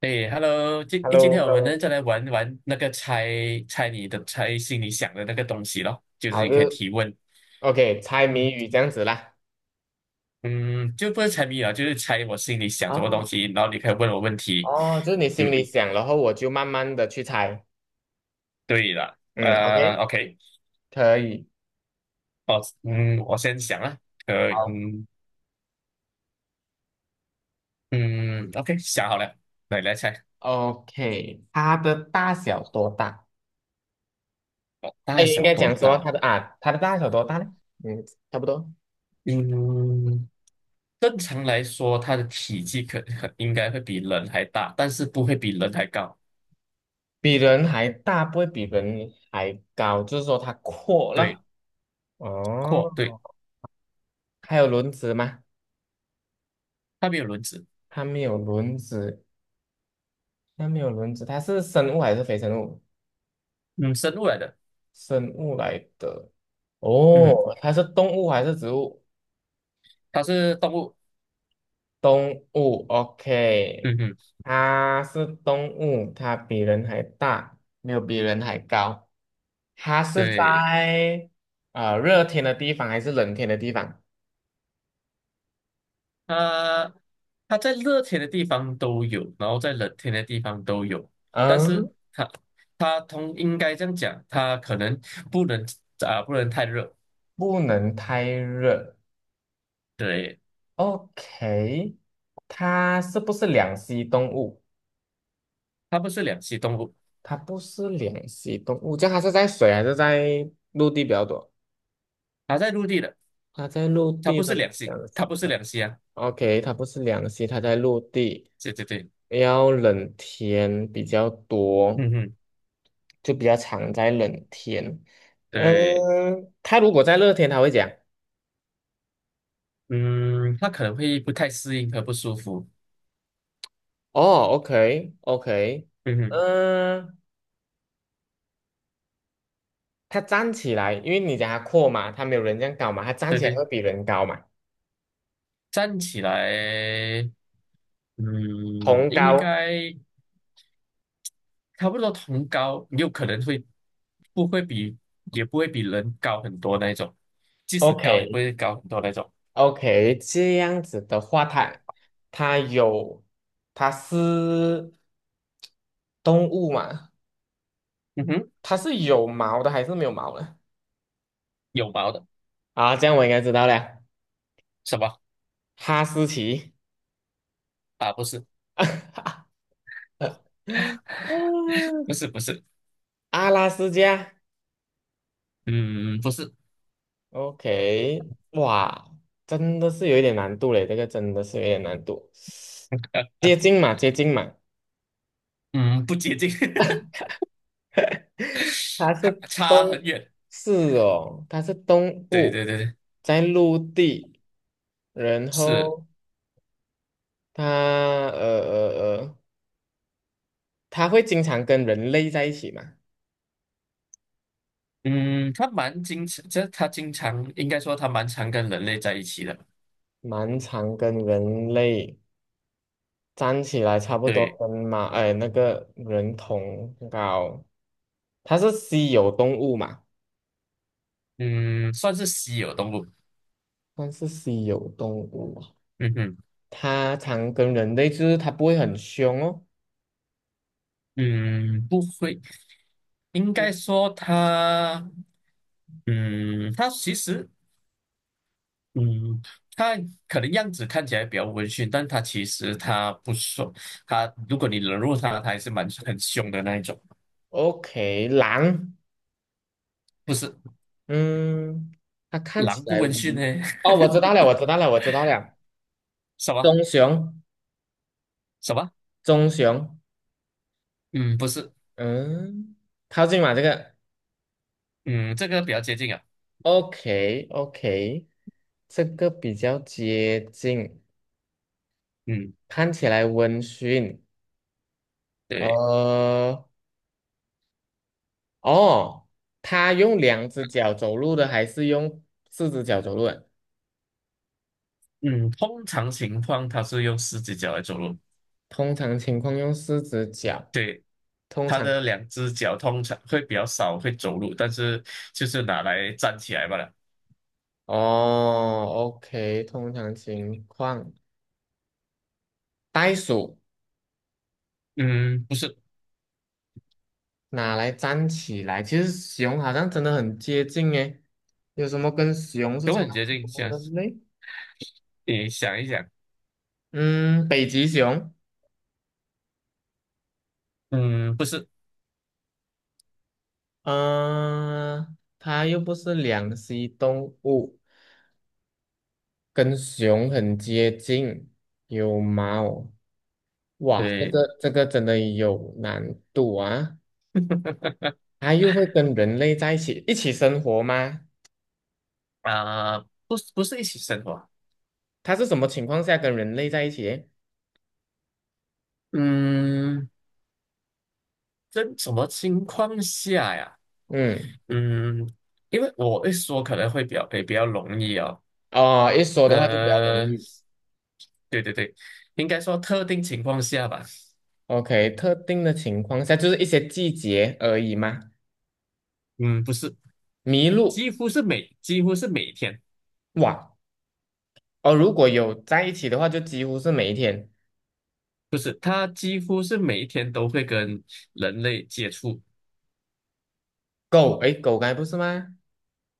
诶 Hello h 今 e l l 诶 o 今 h 天 e l 我 l o 们呢再来玩玩那个猜心里想的那个东西咯，就是好，你就可以是 提问。OK，猜嗯谜语这样子啦。嗯，就不是猜谜了，就是猜我心里想什么东哦，西，然后你可以问我问题。哦，就是你心嗯，里想，然后我就慢慢的去猜。对了，嗯，OK，OK，可以。哦，嗯，我先想啊。可以，好，嗯嗯，OK，想好了，来猜。OK，它的大小多大？哦，哎，大应小该多讲说大？它的大小多大呢？嗯，差不多，嗯，正常来说，它的体积应该会比人还大，但是不会比人还高。比人还大，不会比人还高，就是说它阔对，了。哦，阔，对。还有轮子吗？它没有轮子。它没有轮子，它没有轮子，它是生物还是非生物？嗯，生物来的。生物来的。嗯，哦，它是动物还是植物？它是动物。动物，OK，嗯哼。它是动物，它比人还大，没有比人还高。它是对，在热天的地方还是冷天的地方？它它在热天的地方都有，然后在冷天的地方都有，但是嗯，它它应该这样讲，它可能不能不能太热。不能太热。对，OK，它是不是两栖动物？它不是两栖动物，它不是两栖动物，这样它是在水还是在陆地比较多？它在陆地的。它在陆它地，不它是不两是栖，两它栖，不是两栖啊。OK，它不是两栖，它在陆地，对对对。要冷天比较多，嗯哼。就比较常在冷天。对。嗯，它如果在热天，它会讲嗯，它可能会不太适应和不舒服。哦，OK OK，嗯哼。嗯，它站起来，因为你讲它阔嘛，它没有人这样高嘛，它站对起来对，会比人高嘛，站起来。嗯，同应高该差不多同高，有可能会不会比，也不会比人高很多那一种，即使高也不，OK，会高很多那种。OK，这样子的话，它有它是动物嘛？嗯哼。它是有毛的还是没有毛的？有毛的。啊，这样我应该知道了，什么哈士奇，啊？不是，不嗯是，不是。阿拉斯加。嗯，不是。OK，哇，真的是有一点难度嘞，这个真的是有一点难度，啊，接近嘛，接近嘛。嗯，不接近。它 差是动，差很远。是哦，它是动对对物，对对。在陆地，然是，后它它会经常跟人类在一起嘛，嗯，它蛮经常，这它经常应该说它蛮常跟人类在一起的。蛮常跟人类站起来，差不多对。跟那个人同高，它是稀有动物嘛，嗯，算是稀有动物。算是稀有动物啊嗯哼。它常跟人类，就是它不会很凶哦。嗯，不会。应该 O- 说他，嗯，他其实，嗯，他可能样子看起来比较温驯，但他其实他不说，他如果你惹怒他，他还是蛮很凶的那一种。OK，狼。不是，嗯，它看起狼不来温驯呢？无，哦，我知道 了，我知道了，我知道了，什么？棕熊，什么？棕熊，嗯，不是。嗯，靠近嘛，这个嗯，这个比较接近啊。，OK，OK，这个比较接近，嗯，看起来温驯，对。呃，哦，它用两只脚走路的还是用四只脚走路的？嗯，通常情况它是用四只脚来走路。通常情况用四只脚，对，它的两只脚通常会比较少会走路，但是就是拿来站起来罢了。哦，OK，通常情况，袋鼠。嗯，不是。拿来粘起来？其实熊好像真的很接近诶，有什么跟熊是等差很不接近，多想，的嘞？你想一想。嗯，北极熊，嗯，不是。嗯、它又不是两栖动物，跟熊很接近，有毛。哇，这对个这个真的有难度啊！它又会跟人类在一起生活吗？啊、不是不是一起生活。它是什么情况下跟人类在一起？嗯，这什么情况下呀？嗯，嗯，因为我一说可能会比较也比较容易哦。哦，一说的话就比较容呃，易。对对对，应该说特定情况下吧。OK，特定的情况下就是一些季节而已嘛。嗯，不是。麋鹿，几乎是每天。哇，哦，如果有在一起的话，就几乎是每一天。不是，他几乎是每一天都会跟人类接触。狗，诶，狗该不是吗？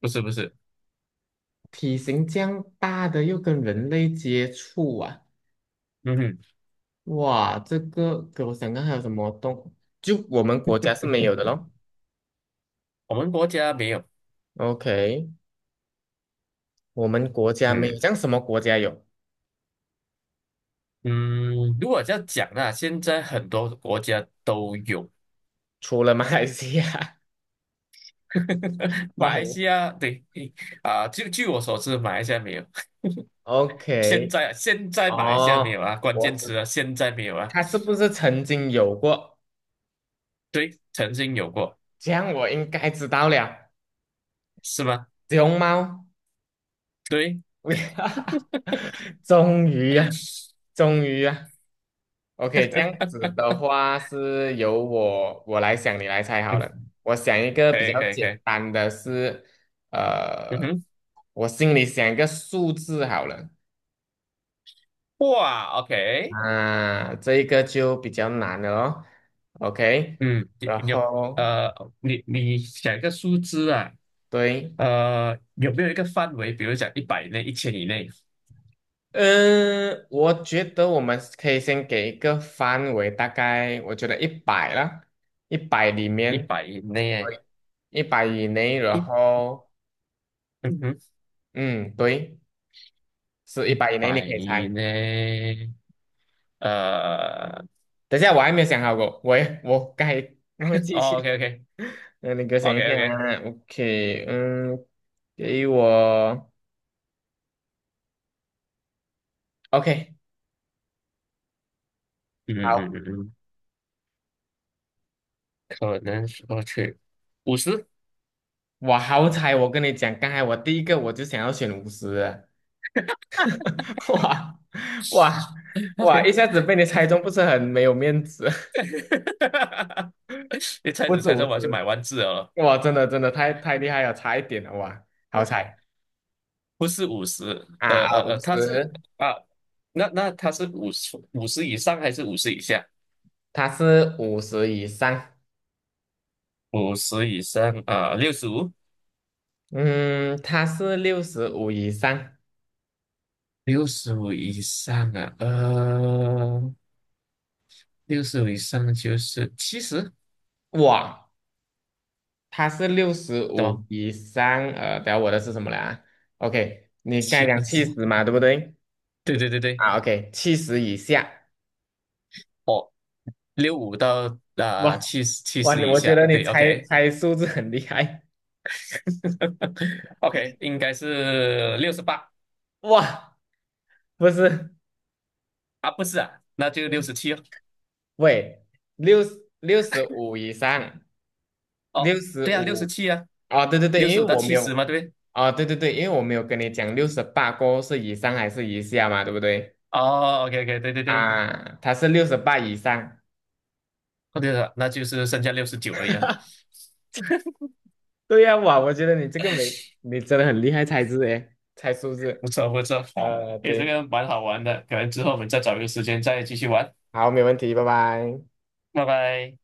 不是不是。体型这样大的又跟人类接触啊，嗯哼。哇，这个给我想看还有什么动，就我们国家是没有的咯。我们国家没有。OK，我们国家没有，嗯。这样什么国家有？嗯，如果这样讲呢，现在很多国家都有。除了马来西亚，马怪 来西亚对。啊，就据我所知，马来西亚没有。现 OK，在现在马来西亚没哦，有啊，关我键词知啊，现在没有啊。它是不是曾经有过？对，曾经有过。这样我应该知道了，是吗？熊猫，对。哈，终于啊，终于啊，OK，这样子 的话是由我来想，你来猜好嗯，了。我想一个可比以较可以简可以。单的是，嗯呃，哼。我心里想一个数字好了，哇，OK。啊，这一个就比较难了哦，OK，嗯，你然你有后呃，你你想一个数字啊。对，呃，有没有一个范围？比如讲一百以内、1000以内、嗯，我觉得我们可以先给一个范围，大概我觉得一百啦，一百里一面，百以内。一百以内，然一，后嗯哼，嗯，对，是一一百以内，你百可以以猜。内。呃，等一下，我还没有想好过，我该忘记哦去。，OK， OK， 那你给我想 OK， 一下 OK。o k 嗯，给我 OK，嗯嗯嗯好，嗯嗯可能说去五十我好彩，我跟你讲，刚才我第一个我就想要选五十，哇哇哇！一，OK。下子被你猜中，不是很没有面子，你 猜不着止猜五着我要去十，买万字哦。哇，真的真的太厉害了，差一点了哇，好猜不是五十。呃啊，呃五呃，它是十，啊，那它是五十以上还是五十以下？它是五十以上，五十以上啊，六十五。嗯，它是六十五以上，六十五以上啊，六十五以上就是七十。哇，它是六十懂？五以上，呃，等下我的是什么来啊？OK，你刚才七讲七十。十嘛，对不对？对对对对。啊，OK，七十以下，哦，65到哇七十七哇，十你以我觉下。得你对猜，OK，OK。猜数字很厉害，应该是68。哇，不是。啊，不是啊，那就六十七哦。喂，六六十五以上，六哦，十对啊，六十五七啊，啊，对对六对，因十为五到我没七有十嘛，对不对？啊，对对对，因为我没有跟你讲六十八过后是以上还是以下嘛，对不对？哦，OK， OK，对对对。啊，他是六十八以上。哦对了，那就是剩下69而已啊。对呀，哇，我觉得你这个没，你真的很厉害猜字诶，猜数字。不错不错。好，呃，诶，这对，个蛮好玩的，可能之后我们再找一个时间再继续玩。好，没问题，拜拜。拜拜。